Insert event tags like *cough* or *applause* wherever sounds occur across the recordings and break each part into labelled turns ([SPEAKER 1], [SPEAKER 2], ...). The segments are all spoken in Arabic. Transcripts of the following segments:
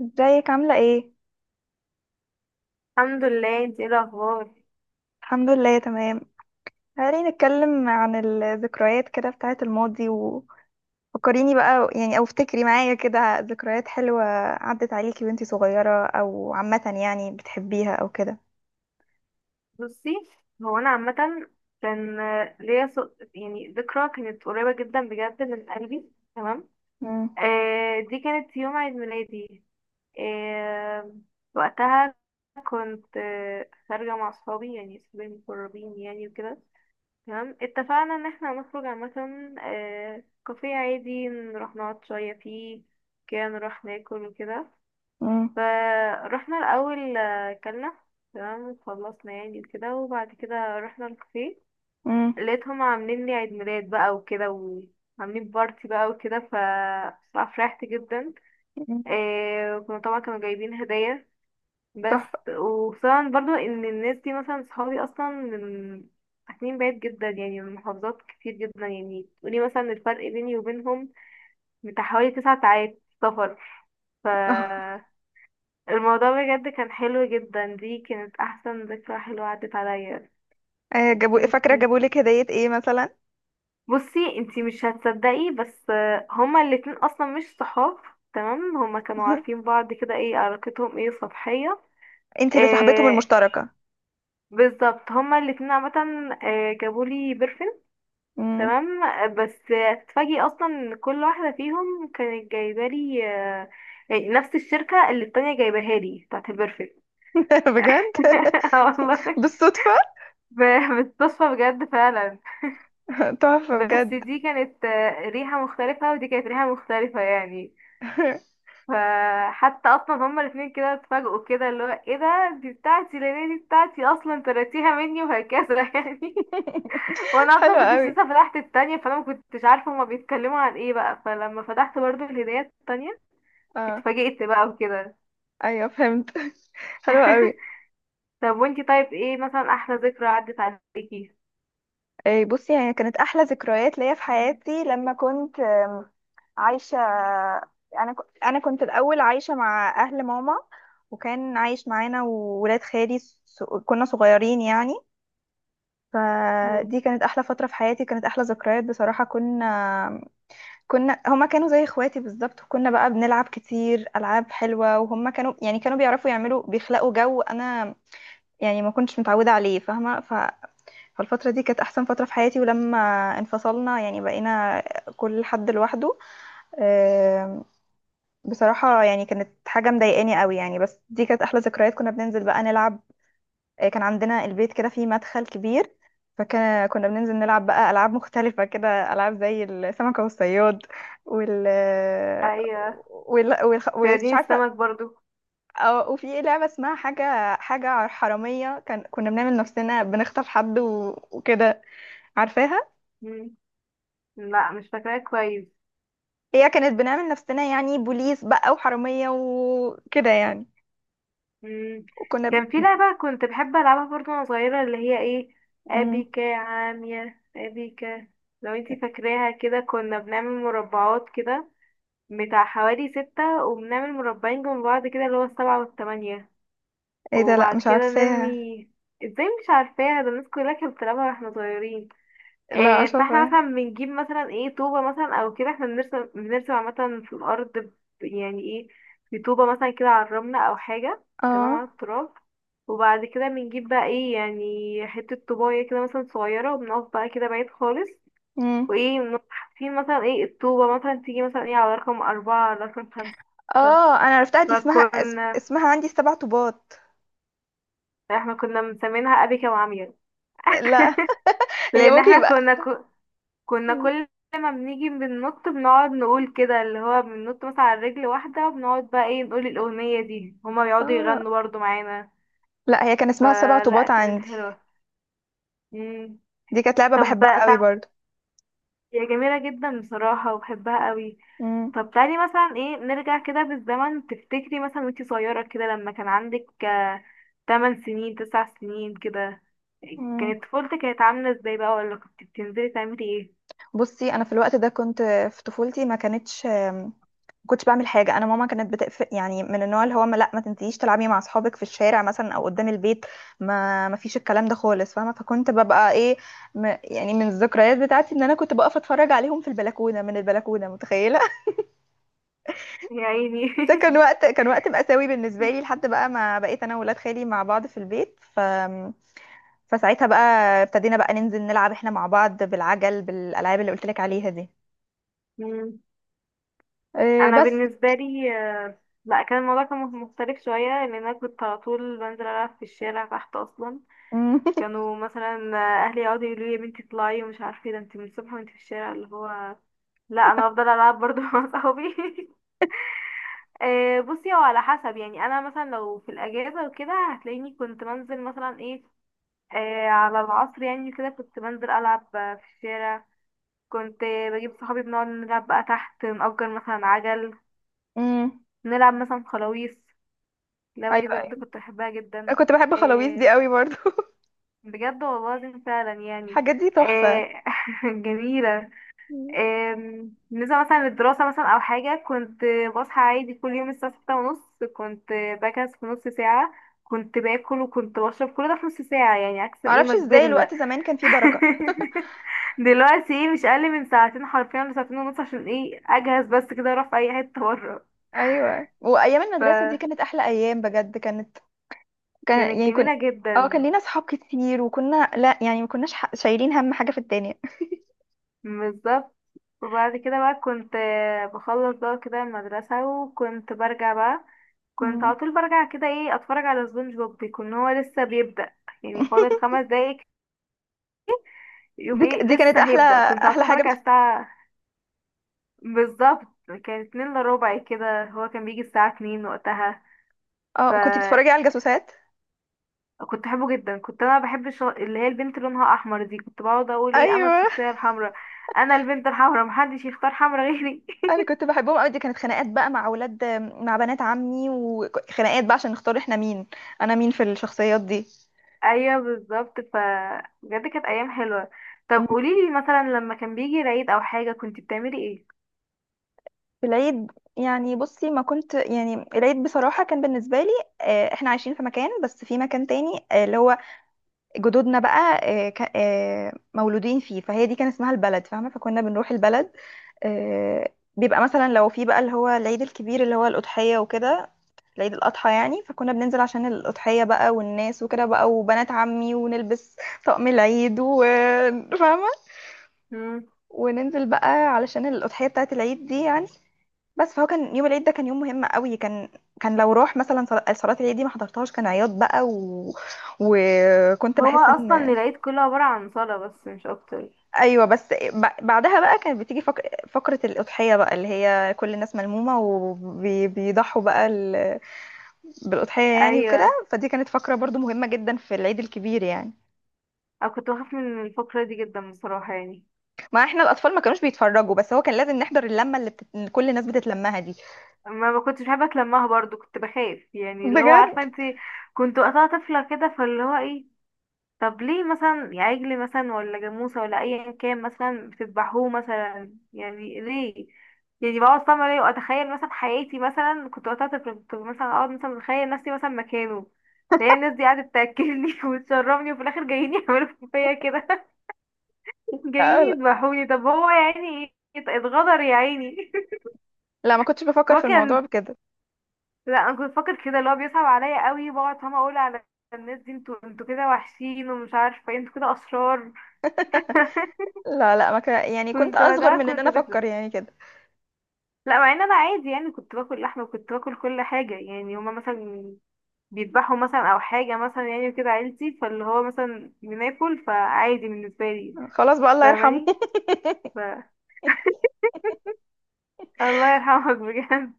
[SPEAKER 1] ازيك عاملة ايه؟
[SPEAKER 2] الحمد لله، انت ايه الاخبار؟
[SPEAKER 1] الحمد لله تمام. تعالي نتكلم عن الذكريات كده بتاعة الماضي. وفكريني بقى، يعني، او افتكري معايا كده ذكريات حلوة عدت عليكي وانتي صغيرة، او عامة يعني بتحبيها او كده.
[SPEAKER 2] بصي، هو انا عامه، كان يعني ذكرى كانت قريبه جدا بجد من قلبي. تمام.
[SPEAKER 1] مم،
[SPEAKER 2] دي كانت يوم عيد ميلادي. آه وقتها كنت خارجه مع اصحابي، يعني اصحابي المقربين، يعني وكده. تمام، اتفقنا ان احنا هنخرج عامه. كافيه عادي نروح نقعد شويه فيه، كده نروح ناكل وكده.
[SPEAKER 1] مم،
[SPEAKER 2] فروحنا الأول، كلنا. تمام، خلصنا يعني كده، وبعد كده رحنا الكافيه.
[SPEAKER 1] مم،
[SPEAKER 2] لقيتهم عاملين لي عيد ميلاد بقى وكده، وعاملين بارتي بقى وكده. بصراحة فرحت جدا.
[SPEAKER 1] مم.
[SPEAKER 2] إيه، وكانوا طبعا كانوا جايبين هدايا، بس
[SPEAKER 1] تحفة.
[SPEAKER 2] وطبعا برضو ان الناس دي مثلا صحابي اصلا من ساكنين بعيد جدا، يعني من محافظات كتير جدا، يعني تقولي مثلا الفرق بيني وبينهم بتاع حوالي 9 ساعات سفر. ف
[SPEAKER 1] *laughs*
[SPEAKER 2] الموضوع بجد كان حلو جدا، دي كانت احسن ذكرى حلوة عدت عليا.
[SPEAKER 1] آه، فاكرة،
[SPEAKER 2] وانتي؟
[SPEAKER 1] جابولك هدية ايه مثلا؟
[SPEAKER 2] بصي، انتي مش هتصدقي بس هما الاتنين اصلا مش صحاب. تمام، هما كانوا عارفين
[SPEAKER 1] *laughs*
[SPEAKER 2] بعض كده، ايه علاقتهم، ايه سطحية.
[SPEAKER 1] انتي اللي صاحبتهم
[SPEAKER 2] آه
[SPEAKER 1] المشتركة.
[SPEAKER 2] بالظبط، هما الاتنين عامة. جابولي برفن.
[SPEAKER 1] مم.
[SPEAKER 2] تمام، بس تفاجئي اصلا ان كل واحدة فيهم كانت جايبالي، يعني نفس الشركة اللي التانية جايباها لي بتاعت البرفن.
[SPEAKER 1] *laughs* بجد؟
[SPEAKER 2] *laughs* والله،
[SPEAKER 1] *laughs* بالصدفة؟
[SPEAKER 2] بتصفى بجد فعلا.
[SPEAKER 1] *laughs* تحفة
[SPEAKER 2] بس
[SPEAKER 1] بجد.
[SPEAKER 2] دي كانت ريحة مختلفة، ودي كانت ريحة مختلفة، يعني.
[SPEAKER 1] *laughs*
[SPEAKER 2] فحتى اصلا هما الاتنين كده اتفاجئوا، كده اللي هو ايه ده، دي بتاعتي لان دي بتاعتي اصلا تراتيها مني وهكذا *laughs* يعني. وانا اصلا
[SPEAKER 1] حلوة
[SPEAKER 2] مكنتش
[SPEAKER 1] قوي.
[SPEAKER 2] لسه فتحت التانية، فانا مكنتش عارفة هما بيتكلموا عن ايه بقى. فلما فتحت برضو الهدايا التانية، اتفاجئت بقى وكده.
[SPEAKER 1] ايوه فهمت. *laughs* حلوة
[SPEAKER 2] *laughs*
[SPEAKER 1] قوي.
[SPEAKER 2] طب وانتي، طيب ايه مثلا احلى ذكرى عدت عليكي؟
[SPEAKER 1] إيه، بصي، هي كانت احلى ذكريات ليا في حياتي لما كنت عايشه. انا كنت الاول عايشه مع اهل ماما، وكان عايش معانا وولاد خالي كنا صغيرين يعني.
[SPEAKER 2] مم.
[SPEAKER 1] فدي كانت احلى فتره في حياتي، كانت احلى ذكريات بصراحه. كنا هما، كانوا زي اخواتي بالظبط، وكنا بقى بنلعب كتير العاب حلوه، وهما كانوا يعني كانوا بيعرفوا يعملوا، بيخلقوا جو انا يعني ما كنتش متعوده عليه، فاهمه. فالفترة دي كانت أحسن فترة في حياتي، ولما انفصلنا يعني بقينا كل حد لوحده. آم، بصراحة يعني كانت حاجة مضايقاني قوي يعني، بس دي كانت أحلى ذكريات. كنا بننزل بقى نلعب. كان عندنا البيت كده فيه مدخل كبير، فكنا بننزل نلعب بقى ألعاب مختلفة كده، ألعاب زي السمكة والصياد، وال
[SPEAKER 2] ايوه،
[SPEAKER 1] ومش
[SPEAKER 2] صيادين
[SPEAKER 1] عارفة.
[SPEAKER 2] السمك برضو.
[SPEAKER 1] وفي لعبة اسمها حاجة حرامية، كنا بنعمل نفسنا بنخطف حد وكده، عارفاها.
[SPEAKER 2] مم. لا، مش فاكراها كويس.
[SPEAKER 1] هي كانت بنعمل نفسنا يعني بوليس بقى وحرامية وكده يعني،
[SPEAKER 2] مم.
[SPEAKER 1] وكنا
[SPEAKER 2] كان في
[SPEAKER 1] ب...
[SPEAKER 2] لعبة كنت بحب ألعبها برضو وأنا صغيرة، اللي هي ايه،
[SPEAKER 1] مم.
[SPEAKER 2] أبيكا، يا عامية أبيكا. لو انتي فاكراها، كده كنا بنعمل مربعات كده بتاع حوالي ستة، وبنعمل مربعين جنب بعض كده اللي هو السبعة والتمانية.
[SPEAKER 1] ايه ده، لا
[SPEAKER 2] وبعد
[SPEAKER 1] مش
[SPEAKER 2] كده
[SPEAKER 1] عارفاها.
[SPEAKER 2] نرمي. ازاي مش عارفاها؟ ده الناس كلها كانت بتلعبها واحنا صغيرين.
[SPEAKER 1] لا مش
[SPEAKER 2] فاحنا مثلا
[SPEAKER 1] عارفاها.
[SPEAKER 2] بنجيب مثلا ايه طوبة مثلا او كده، احنا بنرسم عامة في الأرض، يعني ايه، بطوبة مثلا كده على الرملة أو حاجة. تمام،
[SPEAKER 1] اه.
[SPEAKER 2] على التراب. وبعد كده بنجيب بقى ايه، يعني حتة طوباية كده مثلا صغيرة، وبنقف بقى كده بعيد خالص.
[SPEAKER 1] مم.
[SPEAKER 2] وايه، بنقف حاطين مثلا ايه الطوبة مثلا تيجي مثلا ايه على رقم أربعة، على رقم خمسة.
[SPEAKER 1] اه، انا عرفتها دي،
[SPEAKER 2] فكنا
[SPEAKER 1] اسمها عندي السبع طوبات.
[SPEAKER 2] احنا كنا مسمينها أبيكا وعمية.
[SPEAKER 1] لا. *laughs* هي
[SPEAKER 2] لأن
[SPEAKER 1] ممكن
[SPEAKER 2] احنا
[SPEAKER 1] يبقى.
[SPEAKER 2] كنا
[SPEAKER 1] مم.
[SPEAKER 2] كل ما بنيجي بننط، بنقعد نقول كده اللي هو بننط مثلا على رجل واحدة، وبنقعد بقى ايه نقول الأغنية دي، هما بيقعدوا
[SPEAKER 1] اه
[SPEAKER 2] يغنوا برضو معانا.
[SPEAKER 1] لا، هي كان اسمها السبع
[SPEAKER 2] فلا،
[SPEAKER 1] طوبات
[SPEAKER 2] كانت
[SPEAKER 1] عندي.
[SPEAKER 2] حلوة. مم.
[SPEAKER 1] دي كانت لعبة
[SPEAKER 2] طب
[SPEAKER 1] بحبها قوي
[SPEAKER 2] طب
[SPEAKER 1] برضو.
[SPEAKER 2] هي جميلة جدا بصراحة وبحبها قوي.
[SPEAKER 1] مم.
[SPEAKER 2] طب، تعالي مثلا ايه نرجع كده بالزمن. تفتكري مثلا وانتي صغيرة كده لما كان عندك 8 سنين، 9 سنين كده،
[SPEAKER 1] مم.
[SPEAKER 2] كانت طفولتك كانت عاملة ازاي بقى؟ ولا كنت بتنزلي تعملي ايه؟
[SPEAKER 1] بصي، انا في الوقت ده كنت في طفولتي ما كنتش بعمل حاجه. انا ماما كانت بتقفل، يعني من النوع اللي هو، ما، لا ما تنسيش تلعبي مع اصحابك في الشارع مثلا او قدام البيت. ما فيش الكلام ده خالص، فاهمه. فكنت ببقى ايه، يعني من الذكريات بتاعتي ان انا كنت بقف اتفرج عليهم في البلكونه، من البلكونه، متخيله.
[SPEAKER 2] يا عيني.
[SPEAKER 1] *laughs* ده كان
[SPEAKER 2] *laughs*
[SPEAKER 1] وقت كان وقت مأساوي بالنسبه لي، لحد بقى ما بقيت انا وولاد خالي مع بعض في البيت. فساعتها بقى ابتدينا بقى ننزل نلعب احنا مع بعض بالعجل، بالالعاب اللي قلت لك عليها دي.
[SPEAKER 2] مم.
[SPEAKER 1] إيه
[SPEAKER 2] انا
[SPEAKER 1] بس.
[SPEAKER 2] بالنسبه لي، لا كان الموضوع كان مختلف شويه، لان انا كنت على طول بنزل العب في الشارع تحت اصلا.
[SPEAKER 1] *laughs*
[SPEAKER 2] كانوا مثلا، اهلي يقعدوا يقولوا لي: يا بنتي اطلعي ومش عارفه إيه، ده انت من الصبح وانت في الشارع، اللي هو. لا، انا هفضل العب برضو مع صحابي. *laughs* بصي، هو على حسب. يعني انا مثلا لو في الاجازه وكده هتلاقيني كنت بنزل مثلا ايه، على العصر، يعني كده كنت بنزل العب في الشارع. كنت بجيب صحابي بنقعد نلعب بقى تحت، نأجر مثلا عجل.
[SPEAKER 1] امم.
[SPEAKER 2] نلعب مثلا خلاويص. اللعبة
[SPEAKER 1] ايوه
[SPEAKER 2] دي بجد
[SPEAKER 1] ايوه.
[SPEAKER 2] كنت بحبها
[SPEAKER 1] أنا
[SPEAKER 2] جدا.
[SPEAKER 1] كنت بحب خلاويص دي
[SPEAKER 2] إيه،
[SPEAKER 1] قوي برضو. *laughs*
[SPEAKER 2] بجد والله العظيم فعلا يعني.
[SPEAKER 1] الحاجات دي تحفه.
[SPEAKER 2] إيه *laughs* جميلة.
[SPEAKER 1] مم.
[SPEAKER 2] إيه، بالنسبة مثلا للدراسة مثلا أو حاجة، كنت بصحى عادي كل يوم الساعة 6:30. كنت بجهز في نص ساعة. كنت باكل وكنت بشرب كل ده في نص ساعة، يعني عكس ايه
[SPEAKER 1] معرفش
[SPEAKER 2] ما
[SPEAKER 1] ازاي
[SPEAKER 2] كبرنا.
[SPEAKER 1] الوقت زمان كان فيه بركه.
[SPEAKER 2] *laughs* دلوقتي ايه مش أقل من ساعتين، حرفيا لساعتين ونص، عشان ايه أجهز بس كده أروح في أي حتة بره.
[SPEAKER 1] ايوه، وايام المدرسه دي
[SPEAKER 2] فكانت
[SPEAKER 1] كانت احلى ايام بجد كانت كان يعني كن
[SPEAKER 2] جميلة
[SPEAKER 1] اه، كان
[SPEAKER 2] جدا،
[SPEAKER 1] لينا صحاب كتير، وكنا، لا يعني ما كناش شايلين هم حاجه في الدنيا.
[SPEAKER 2] بالظبط. وبعد كده بقى كنت بخلص بقى كده المدرسة، وكنت برجع بقى. كنت
[SPEAKER 1] مم.
[SPEAKER 2] على طول برجع، كده ايه، اتفرج على سبونج بوب. بيكون هو لسه بيبدأ، يعني فاضل
[SPEAKER 1] *laughs*
[SPEAKER 2] 5 دقايق. يوم
[SPEAKER 1] دي ك-
[SPEAKER 2] ايه
[SPEAKER 1] دي كانت
[SPEAKER 2] لسه
[SPEAKER 1] احلى
[SPEAKER 2] هيبدأ. كنت على
[SPEAKER 1] احلى
[SPEAKER 2] طول
[SPEAKER 1] حاجه
[SPEAKER 2] برجع
[SPEAKER 1] بتف...
[SPEAKER 2] الساعة، بالظبط كان 1:45 كده، هو كان بيجي الساعة اتنين وقتها.
[SPEAKER 1] اه، كنت بتتفرجي على
[SPEAKER 2] فكنت
[SPEAKER 1] الجاسوسات.
[SPEAKER 2] بحبه جدا. كنت انا بحب اللي هي البنت اللي لونها احمر دي، كنت بقعد اقول ايه: انا
[SPEAKER 1] ايوه،
[SPEAKER 2] الشخصية الحمراء، انا البنت الحمراء، محدش يختار حمراء غيري.
[SPEAKER 1] انا كنت بحبهم قوي، دي كانت خناقات بقى مع اولاد، مع بنات عمي، وخناقات بقى عشان نختار احنا مين، انا مين في الشخصيات دي.
[SPEAKER 2] ايوه، بالظبط. بجد كانت ايام حلوه. طب، قوليلي مثلا لما كان بيجي العيد او حاجه كنت بتعملي ايه؟
[SPEAKER 1] في العيد يعني، بصي، ما كنت يعني، العيد بصراحة كان بالنسبة لي، احنا عايشين في مكان، بس في مكان تاني، اللي هو جدودنا بقى، مولودين فيه، فهي دي كان اسمها البلد، فاهمة، فكنا بنروح البلد. بيبقى مثلا لو في بقى اللي هو العيد الكبير اللي هو الأضحية وكده، العيد الأضحى يعني. فكنا بننزل عشان الأضحية بقى والناس وكده بقى، وبنات عمي، ونلبس طقم العيد، وفاهمة،
[SPEAKER 2] مم.
[SPEAKER 1] وننزل بقى علشان الأضحية بتاعت العيد دي يعني. بس فهو كان يوم العيد ده، كان يوم مهم قوي كان لو روح مثلا صلاة العيد دي ما حضرتهاش كان عياط بقى. وكنت
[SPEAKER 2] هو
[SPEAKER 1] بحس
[SPEAKER 2] اصلا
[SPEAKER 1] ان
[SPEAKER 2] العيد كله عباره عن صلاه بس، مش اكتر.
[SPEAKER 1] ايوه، بس بعدها بقى كانت بتيجي فقرة الأضحية بقى، اللي هي كل الناس ملمومة وبيضحوا بقى بالأضحية يعني وكده.
[SPEAKER 2] ايوه،
[SPEAKER 1] فدي كانت فقرة برضو مهمة جدا في العيد الكبير يعني.
[SPEAKER 2] انا كنت بخاف من الفقره دي جدا بصراحه يعني.
[SPEAKER 1] ما احنا الأطفال ما كانوش بيتفرجوا، بس هو كان لازم نحضر اللمة اللي كل الناس بتتلمها دي.
[SPEAKER 2] ما كنتش بحب اتلمها برضو، كنت بخاف يعني، اللي هو عارفه
[SPEAKER 1] بجد.
[SPEAKER 2] انت. كنت وقتها طفله كده، فاللي هو ايه. طب ليه مثلا يا عجل مثلا، ولا جاموسة، ولا أيا كان مثلا بتذبحوه مثلا، يعني ليه؟ يعني بقعد فاهمة ليه وأتخيل مثلا حياتي، مثلا كنت وقتها طفلة، كنت مثلا أقعد مثلا متخيل نفسي مثلا مكانه. هي الناس دي قاعدة تأكلني *laughs* وتشربني، وفي الآخر جايين يعملوا فيا كده *laughs* جايين
[SPEAKER 1] آه، لا،
[SPEAKER 2] يذبحوني. طب هو يعني اتغدر، يا عيني. *laughs*
[SPEAKER 1] لا ما كنتش بفكر
[SPEAKER 2] هو
[SPEAKER 1] في الموضوع
[SPEAKER 2] كان.
[SPEAKER 1] بكده.
[SPEAKER 2] لا، أنا كنت فاكر كده اللي هو بيصعب عليا قوي. بقعد فاهمة أقول على الناس دي: انتوا كده وحشين ومش عارفة ايه، انتوا كده أشرار.
[SPEAKER 1] لا، لا ما كان، يعني كنت
[SPEAKER 2] كنت
[SPEAKER 1] اصغر
[SPEAKER 2] وقتها
[SPEAKER 1] من ان
[SPEAKER 2] كنت
[SPEAKER 1] انا
[SPEAKER 2] طفلة.
[SPEAKER 1] افكر يعني كده.
[SPEAKER 2] لا، مع ان انا عادي يعني، كنت باكل لحمه وكنت باكل كل حاجه. يعني هما مثلا بيذبحوا مثلا او حاجه مثلا يعني كده عيلتي، فاللي هو مثلا بناكل، فعادي بالنسبه لي.
[SPEAKER 1] خلاص بقى، الله يرحمه.
[SPEAKER 2] فاهماني.
[SPEAKER 1] *laughs*
[SPEAKER 2] ف... الله يرحمك *laughs* بجد.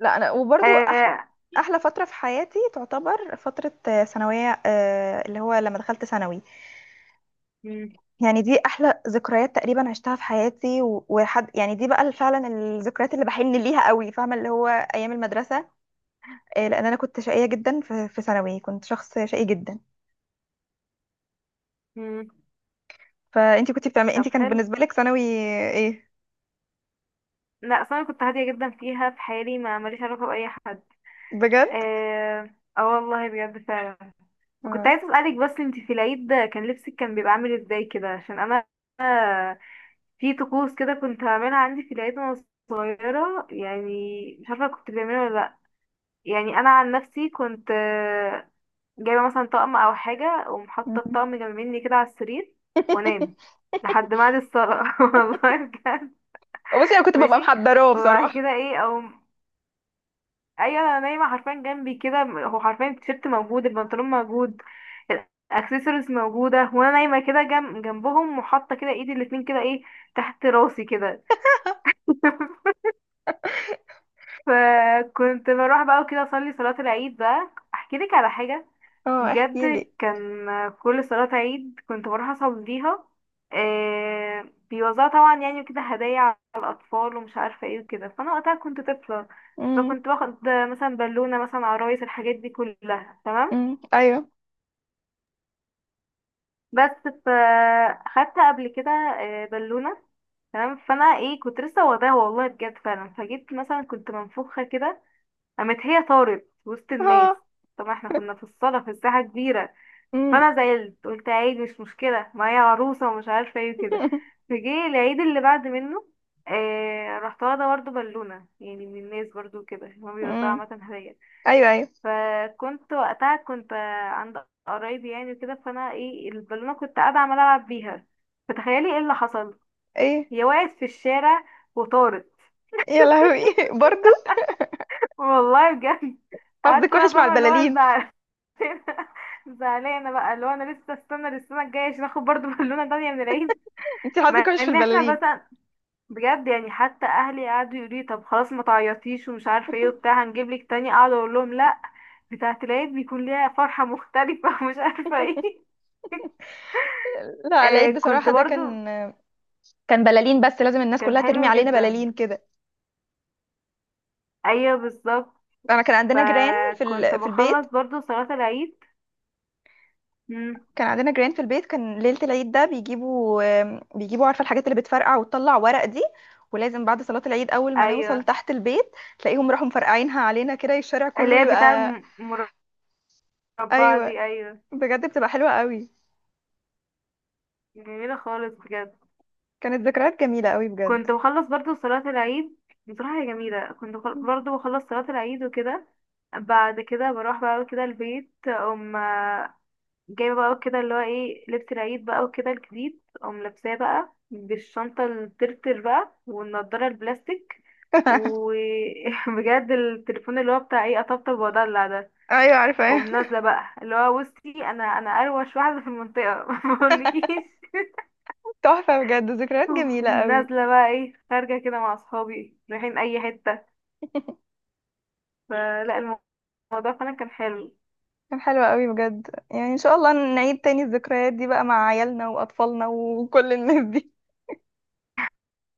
[SPEAKER 1] لا، انا وبرضو احلى
[SPEAKER 2] آه...
[SPEAKER 1] احلى فتره في حياتي تعتبر فتره، ثانويه، اللي هو لما دخلت ثانوي.
[SPEAKER 2] مم،
[SPEAKER 1] يعني دي احلى ذكريات تقريبا عشتها في حياتي، وحد يعني، دي بقى فعلا الذكريات اللي بحن ليها قوي، فاهمه، اللي هو ايام المدرسه. لان انا كنت شقيه جدا في ثانوي، كنت شخص شقي جدا.
[SPEAKER 2] مم.
[SPEAKER 1] فانتي كنت بتعملي
[SPEAKER 2] طب،
[SPEAKER 1] انتي كان
[SPEAKER 2] حلو.
[SPEAKER 1] بالنسبه لك ثانوي؟ ايه.
[SPEAKER 2] لا، اصل انا كنت هاديه جدا فيها، في حالي، ما ماليش علاقه باي حد.
[SPEAKER 1] بجد.
[SPEAKER 2] اه، آه والله بجد فعلا. وكنت
[SPEAKER 1] آه.
[SPEAKER 2] عايزه اسالك بس، انت في العيد كان لبسك كان بيبقى عامل ازاي كده؟ عشان انا في طقوس كده كنت هعملها عندي في العيد وانا صغيرة، يعني مش عارفة كنت بتعملها ولا لأ. يعني أنا عن نفسي كنت جايبة مثلا طقم أو حاجة، ومحطة
[SPEAKER 1] مم.
[SPEAKER 2] الطقم جنب مني كده على السرير. وأنام
[SPEAKER 1] *laughs*
[SPEAKER 2] لحد ميعاد الصلاة. *laughs* والله بجد.
[SPEAKER 1] بصي، انا كنت ببقى
[SPEAKER 2] ماشي.
[SPEAKER 1] محضراه
[SPEAKER 2] وبعد
[SPEAKER 1] بصراحه.
[SPEAKER 2] كده ايه، أو أيوة، أنا نايمة حرفيا جنبي كده، هو حرفيا التيشيرت موجود، البنطلون موجود، الاكسسوارز موجودة، وأنا نايمة كده جنب جنبهم، وحاطة كده ايدي الاتنين كده ايه تحت راسي كده. *laughs* فكنت بروح بقى وكده اصلي صلاة العيد بقى. احكي لك على حاجة
[SPEAKER 1] اه احكي
[SPEAKER 2] بجد.
[SPEAKER 1] لي.
[SPEAKER 2] كان كل صلاة عيد كنت بروح اصليها، آه، بيوزعوا طبعا يعني وكده هدايا على الاطفال ومش عارفة ايه وكده. فانا وقتها كنت طفلة،
[SPEAKER 1] امم.
[SPEAKER 2] فكنت باخد مثلا بالونة، مثلا عرايس، الحاجات دي كلها. تمام،
[SPEAKER 1] ايوه.
[SPEAKER 2] بس فاخدت قبل كده بالونة. تمام، فانا ايه كنت لسه واخداها، والله بجد فعلا. فجيت مثلا كنت منفوخة كده، قامت هي طارت وسط الناس.
[SPEAKER 1] اه.
[SPEAKER 2] طبعا احنا كنا في الساحة كبيرة.
[SPEAKER 1] امم.
[SPEAKER 2] فأنا زعلت، قلت عادي مش مشكلة، ما هي عروسة ومش عارفة ايه وكده.
[SPEAKER 1] *laughs*
[SPEAKER 2] فجه العيد اللي بعد منه، رحت واخدة برضه بالونة، يعني من الناس برضه، كده هما
[SPEAKER 1] امم
[SPEAKER 2] بيوزعوا عامة هدايا.
[SPEAKER 1] ايوه ايوه.
[SPEAKER 2] فكنت وقتها كنت عند قرايبي يعني وكده. فأنا ايه البالونة كنت قاعدة عمالة ألعب بيها. فتخيلي ايه اللي حصل.
[SPEAKER 1] ايه.
[SPEAKER 2] هي وقعت في الشارع وطارت.
[SPEAKER 1] يا لهوي. *laughs* برضو
[SPEAKER 2] *laughs* والله بجد. قعدت
[SPEAKER 1] حظك
[SPEAKER 2] بقى
[SPEAKER 1] وحش مع
[SPEAKER 2] فاهمة اللي هو
[SPEAKER 1] البلالين.
[SPEAKER 2] ازعل، زعلانه بقى، اللي هو انا لسه استنى للسنه الجايه عشان اخد برضه *laughs* بالونه تانية من العيد.
[SPEAKER 1] انت حظك
[SPEAKER 2] مع
[SPEAKER 1] وحش في
[SPEAKER 2] ان احنا
[SPEAKER 1] البلالين.
[SPEAKER 2] مثلا، بجد يعني حتى اهلي قعدوا يقولوا لي: طب خلاص، ما تعيطيش ومش عارفه ايه وبتاع، هنجيب لك تاني. اقعد اقول لهم: لا، بتاعه العيد بيكون ليها فرحه مختلفه *laughs* ومش عارفه ايه.
[SPEAKER 1] لا، العيد
[SPEAKER 2] كنت
[SPEAKER 1] بصراحة ده
[SPEAKER 2] برضو،
[SPEAKER 1] كان بلالين، بس لازم الناس
[SPEAKER 2] كان
[SPEAKER 1] كلها ترمي
[SPEAKER 2] حلو
[SPEAKER 1] علينا
[SPEAKER 2] جدا.
[SPEAKER 1] بلالين كده.
[SPEAKER 2] ايوه، بالظبط.
[SPEAKER 1] انا كان عندنا جيران
[SPEAKER 2] فكنت
[SPEAKER 1] في البيت،
[SPEAKER 2] بخلص برضو صلاه العيد. مم.
[SPEAKER 1] كان عندنا جيران في البيت، كان ليلة العيد ده بيجيبوا عارفة، الحاجات اللي بتفرقع وتطلع ورق دي. ولازم بعد صلاة العيد، أول ما نوصل
[SPEAKER 2] ايوه،
[SPEAKER 1] تحت البيت، تلاقيهم راحوا مفرقعينها علينا كده، الشارع
[SPEAKER 2] اللي
[SPEAKER 1] كله
[SPEAKER 2] هي بتاع
[SPEAKER 1] يبقى.
[SPEAKER 2] المربعه
[SPEAKER 1] ايوه.
[SPEAKER 2] دي، ايوه.
[SPEAKER 1] بجد بتبقى حلوه قوي.
[SPEAKER 2] جميله خالص بجد.
[SPEAKER 1] كانت ذكريات جميله قوي بجد.
[SPEAKER 2] كنت بخلص برضو صلاة العيد، بصراحة هي جميلة. كنت برضو بخلص صلاة العيد وكده. بعد كده بروح بقى كده البيت، أقوم جايبة بقى كده اللي هو ايه لبس العيد بقى وكده الجديد، أقوم لابساه بقى بالشنطة الترتر بقى والنضارة البلاستيك.
[SPEAKER 1] *laughs*
[SPEAKER 2] وبجد *laughs* التليفون اللي هو بتاع ايه أطبطب وأدلع ده.
[SPEAKER 1] ايوه عارفه.
[SPEAKER 2] أقوم
[SPEAKER 1] *laughs*
[SPEAKER 2] نازلة بقى اللي هو بصي، أنا أروش واحدة في المنطقة، *laughs* ما أقولكيش.
[SPEAKER 1] تحفه بجد، ذكريات جميله قوي.
[SPEAKER 2] نازلة بقى ايه، خارجة كده مع أصحابي، رايحين أي حتة. فلا، الموضوع فعلا كان حلو.
[SPEAKER 1] كان حلوه قوي بجد يعني، ان شاء الله نعيد تاني الذكريات دي بقى مع عيالنا واطفالنا وكل الناس دي. *laughs*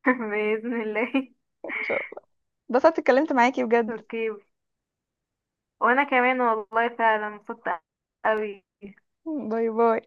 [SPEAKER 2] *laughs* بإذن الله.
[SPEAKER 1] ان شاء الله. اتبسطت اتكلمت معاكي بجد.
[SPEAKER 2] اوكي، وانا كمان والله فعلا انبسطت قوي.
[SPEAKER 1] باي باي.